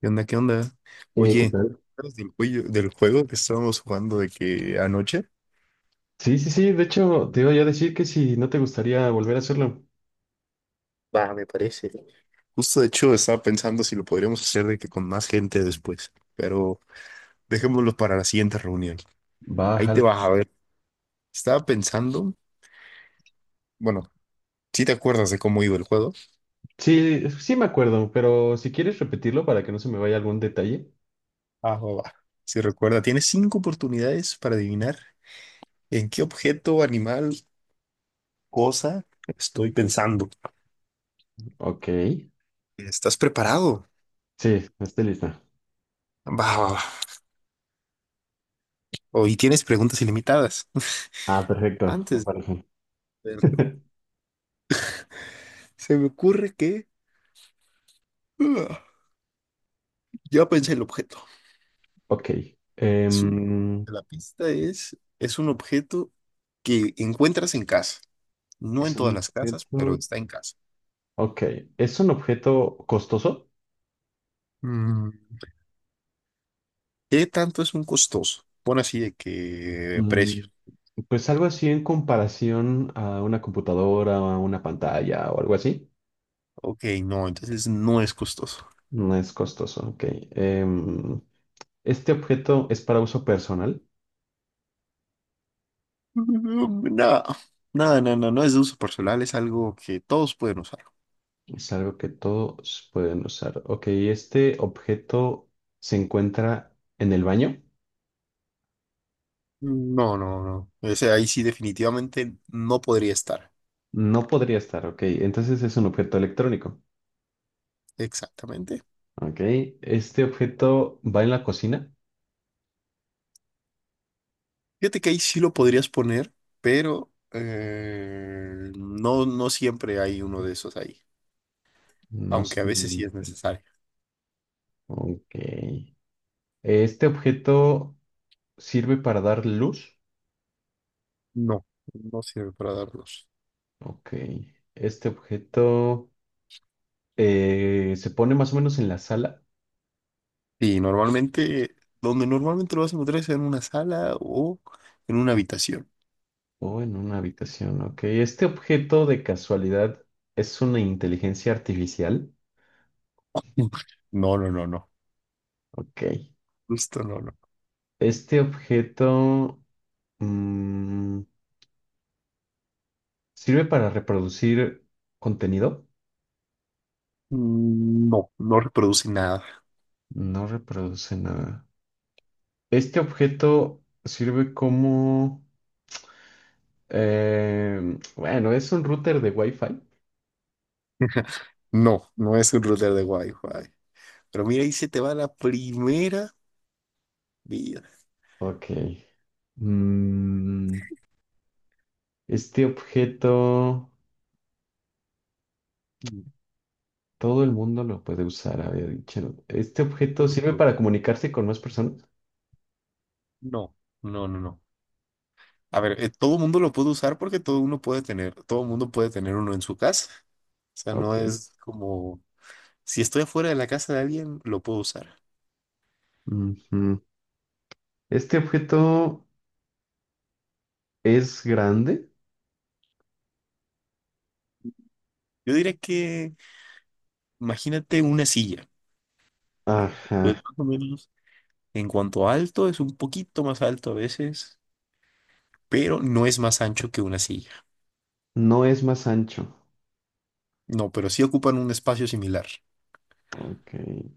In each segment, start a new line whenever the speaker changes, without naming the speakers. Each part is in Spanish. ¿Qué onda? ¿Qué onda?
¿Qué
Oye, ¿te
tal?
acuerdas del, del juego que estábamos jugando de que anoche?
Sí, sí, sí, de hecho, te iba yo a decir que si no te gustaría volver a hacerlo,
Justo de hecho estaba pensando si lo podríamos hacer de que con más gente después, pero dejémoslo para la siguiente reunión. Ahí te
bájalo.
vas a ver. Estaba pensando, bueno, ¿si te acuerdas de cómo iba el juego?
Sí, sí me acuerdo, pero si quieres repetirlo para que no se me vaya algún detalle.
Ah, va, va. Si recuerda, tienes cinco oportunidades para adivinar en qué objeto, animal, cosa estoy pensando.
Ok.
¿Estás preparado?
Sí, estoy lista.
Va, va, va. Hoy tienes preguntas ilimitadas.
Ah, perfecto, me
Antes.
parece.
Se me ocurre que... Ah, ya pensé el objeto.
Ok.
Es un...
em,
La pista es... Es un objeto que encuentras en casa. No
¿Es
en
un
todas las casas, pero
objeto?
está en casa.
Ok. ¿Es un objeto costoso?
Mm, ¿qué tanto es un costoso? Pon así de que
Mm,
precio.
pues algo así en comparación a una computadora o a una pantalla o algo así.
Ok, no, entonces no es costoso.
No es costoso, ok. Em, Este objeto es para uso personal.
Mm, no, nada, no, no, no es de uso personal, es algo que todos pueden usar.
Es algo que todos pueden usar. Ok, este objeto se encuentra en el baño.
No, no, no. Ese ahí sí definitivamente no podría estar.
No podría estar, ok. Entonces es un objeto electrónico.
Exactamente.
Ok, este objeto va en la cocina.
Fíjate que ahí sí lo podrías poner, pero no, no siempre hay uno de esos ahí,
No
aunque a veces sí es
siempre.
necesario.
Ok. Este objeto sirve para dar luz.
No, no sirve para darlos.
Ok. Este objeto se pone más o menos en la sala.
Y normalmente, donde normalmente lo vas a encontrar es en una sala o en una habitación.
O en una habitación, ok. Este objeto de casualidad es una inteligencia artificial.
No, no, no, no.
Ok.
Esto no, no.
Este objeto mm, sirve para reproducir contenido.
Mm, no, no reproduce nada.
No reproduce nada. Este objeto sirve como... bueno, es un router de Wi-Fi.
No, no es un router de Wi-Fi. Pero mira, ahí se te va la primera vida.
Ok. Mm, este objeto...
Mm,
Todo el mundo lo puede usar, había dicho. Este
no,
objeto
no,
sirve
no.
para comunicarse con más personas.
No. No, no, no. A ver, todo mundo lo puede usar porque todo uno puede tener, todo mundo puede tener uno en su casa. O sea, no
Ok.
es como, si estoy afuera de la casa de alguien, lo puedo usar.
Ujú. Este objeto es grande.
Yo diría que, imagínate una silla. Pues
Ajá.
más o menos, en cuanto a alto, es un poquito más alto a veces, pero no es más ancho que una silla.
No es más ancho.
No, pero sí ocupan un espacio similar.
Ok.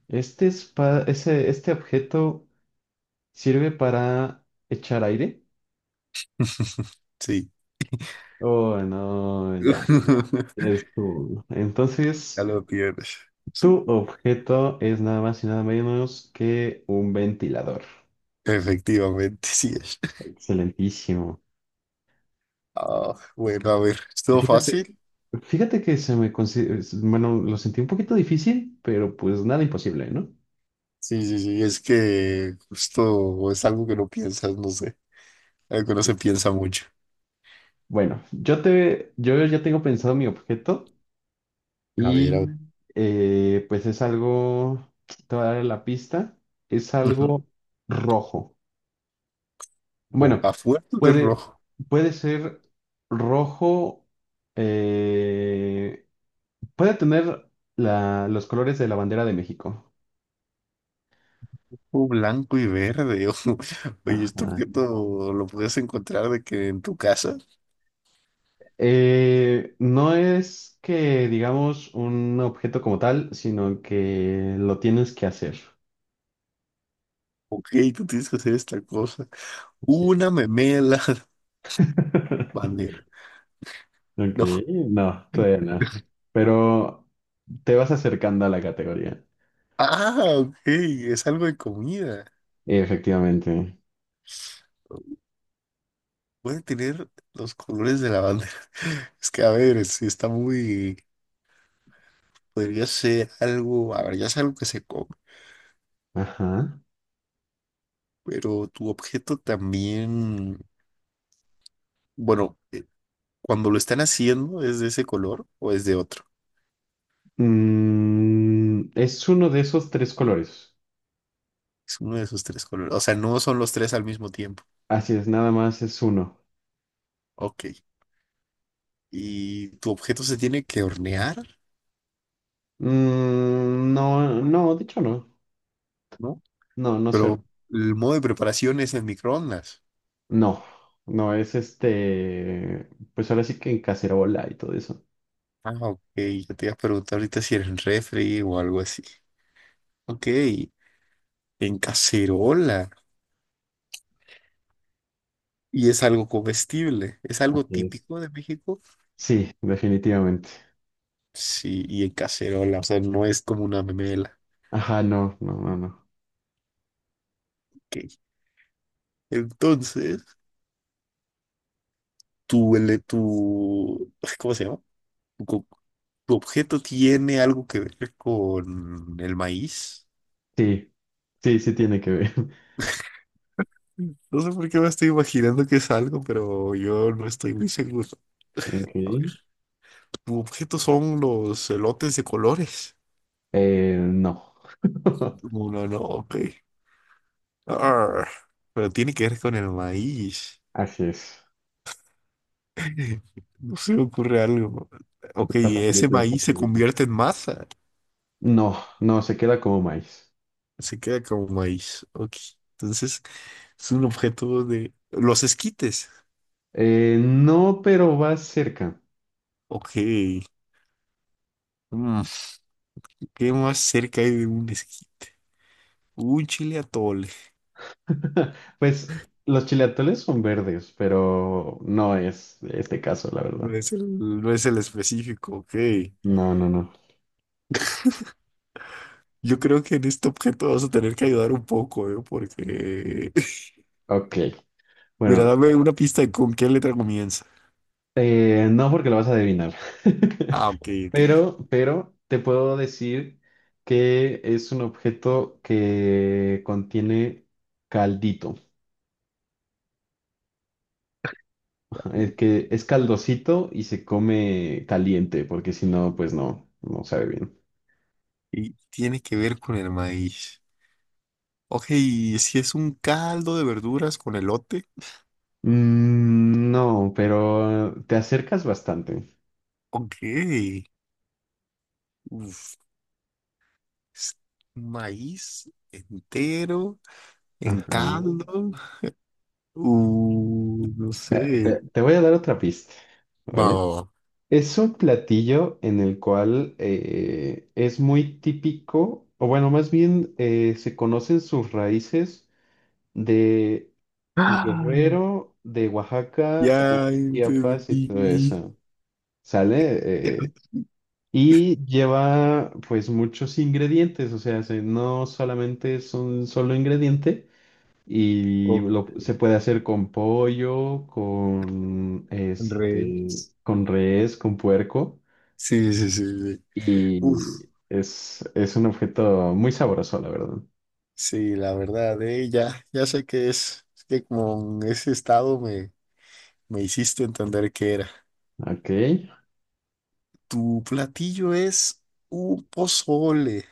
Este objeto sirve para echar aire.
Sí.
Oh, no, ya.
Ya
Entonces,
lo tienes. Sí,
tu objeto es nada más y nada menos que un ventilador.
efectivamente, sí es.
Excelentísimo.
Ah, bueno, a ver, ¿estuvo
Fíjate,
fácil?
fíjate que se me consi- es- bueno, lo sentí un poquito difícil, pero pues nada imposible, ¿no?
Sí, sí, sí, es que justo es algo que no piensas, no sé, algo que no se piensa mucho.
Bueno, yo ya tengo pensado mi objeto
A ver, a
y
ver.
pues es algo, te voy a dar la pista, es
Ujú.
algo rojo.
O
Bueno,
a fuerza de
puede,
rojo,
puede ser rojo, eh, puede tener los colores de la bandera de México.
o blanco y verde. Oye, esto que
Ajá.
todo lo puedes encontrar de que en tu casa,
No es que digamos un objeto como tal, sino que lo tienes que hacer.
ok, tú tienes que hacer esta cosa.
Así
Una
es.
memela bandera.
Ok,
No.
no, todavía no. Pero te vas acercando a la categoría.
Ah, ok, es algo de comida.
Efectivamente.
Puede tener los colores de la bandera. Es que, a ver, si está muy... Podría ser algo, a ver, ya es algo que se come.
Ajá.
Pero tu objeto también, bueno, cuando lo están haciendo, ¿es de ese color o es de otro?
Mm, es uno de esos tres colores.
Es uno de esos tres colores. O sea, no son los tres al mismo tiempo.
Así es, nada más es uno.
Ok. ¿Y tu objeto se tiene que hornear,
Mm, no, no, de hecho no.
no?
No, no sé.
Pero el modo de preparación es en microondas.
No, no, es este. Pues ahora sí que en cacerola y todo eso.
Ah, ok. Yo te iba a preguntar ahorita si era en refri o algo así. Ok. En cacerola. Y es algo comestible. ¿Es algo
Así es.
típico de México?
Sí, definitivamente.
Sí, y en cacerola. O sea, no es como una memela.
Ajá, no, no, no, no.
Ok. Entonces, ay, ¿cómo se llama? Tu, co- tu objeto tiene algo que ver con el maíz.
Sí, sí, sí tiene que ver.
No sé por qué me estoy imaginando que es algo, pero yo no estoy muy seguro.
Ok.
A ver, tu objeto son los elotes de colores.
No.
Uno no, ok. Arr, pero tiene que ver con el maíz.
Así es.
No se me ocurre algo. Ok,
Está
ese
facilito, está
maíz se
facilito.
convierte en masa.
No, no, se queda como maíz.
Se queda como maíz. Ok. Entonces, es un objeto de... Los esquites.
No, pero va cerca.
Ok. Mm, ¿qué más cerca hay de un esquite? Un chile atole.
Pues los chileatoles son verdes, pero no es este caso, la verdad.
No es el específico, ok.
No, no, no.
Yo creo que en este objeto vas a tener que ayudar un poco, ¿eh? Porque...
Ok.
Mira,
Bueno,
dame una pista de con qué letra comienza.
no porque lo vas a adivinar.
Ah, ok, ok.
Pero te puedo decir que es un objeto que contiene caldito. Es que es caldosito y se come caliente, porque si no, pues no, no sabe bien.
Y tiene que ver con el maíz. Ok, ¿y si es un caldo de verduras con elote?
Mm, no, pero te acercas bastante.
Ok. Uf, es maíz entero. En
Ajá.
caldo. No sé.
Te voy a dar otra pista,
Va,
¿vale?
va, va.
Es un platillo en el cual es muy típico, o bueno, más bien se conocen sus raíces de
Ah,
Guerrero, de Oaxaca, de
ya
Chiapas y todo
entendí.
eso. ¿Sale? Y lleva pues muchos ingredientes, o sea, no solamente es un solo ingrediente
O
se puede hacer con pollo, con
con res.
este, con res, con puerco
Sí, sí, sí, sí. Uf,
y es un objeto muy sabroso, la verdad.
sí, la verdad, ya, ya sé qué es que con ese estado me hiciste entender qué era.
Ok,
Tu platillo es un pozole,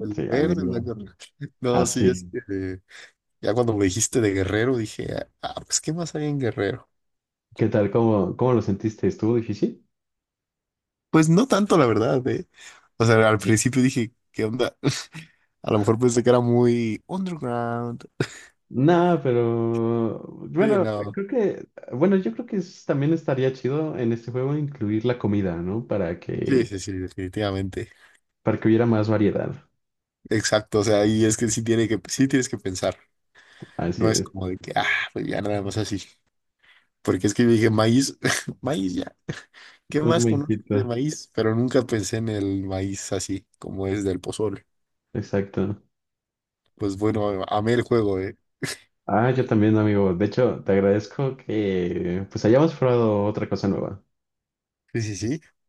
el verde, el
amigo.
blanco. No, sí, es
Así.
que ya cuando me dijiste de Guerrero dije, ah, pues, ¿qué más hay en Guerrero?
¿Qué tal? ¿Cómo lo sentiste? ¿Estuvo difícil?
Pues no tanto, la verdad, eh. O sea, al principio dije, ¿qué onda? A lo mejor pensé que era muy underground.
No, pero
Sí,
bueno,
no.
creo que, bueno, yo creo que también estaría chido en este juego incluir la comida, ¿no?
Sí, sí, sí, definitivamente.
Para que hubiera más variedad.
Exacto, o sea, y es que sí tiene que, sí tienes que pensar.
Así
No es
es,
como de que, ah, pues ya nada más así. Porque es que yo dije maíz, maíz ya. ¿Qué
un
más conozco
momentito.
de maíz? Pero nunca pensé en el maíz así, como es del pozole.
Exacto.
Pues bueno, amé el juego, eh.
Ah, yo también, amigo. De hecho, te agradezco que pues hayamos probado otra cosa nueva.
Sí, sí, sí.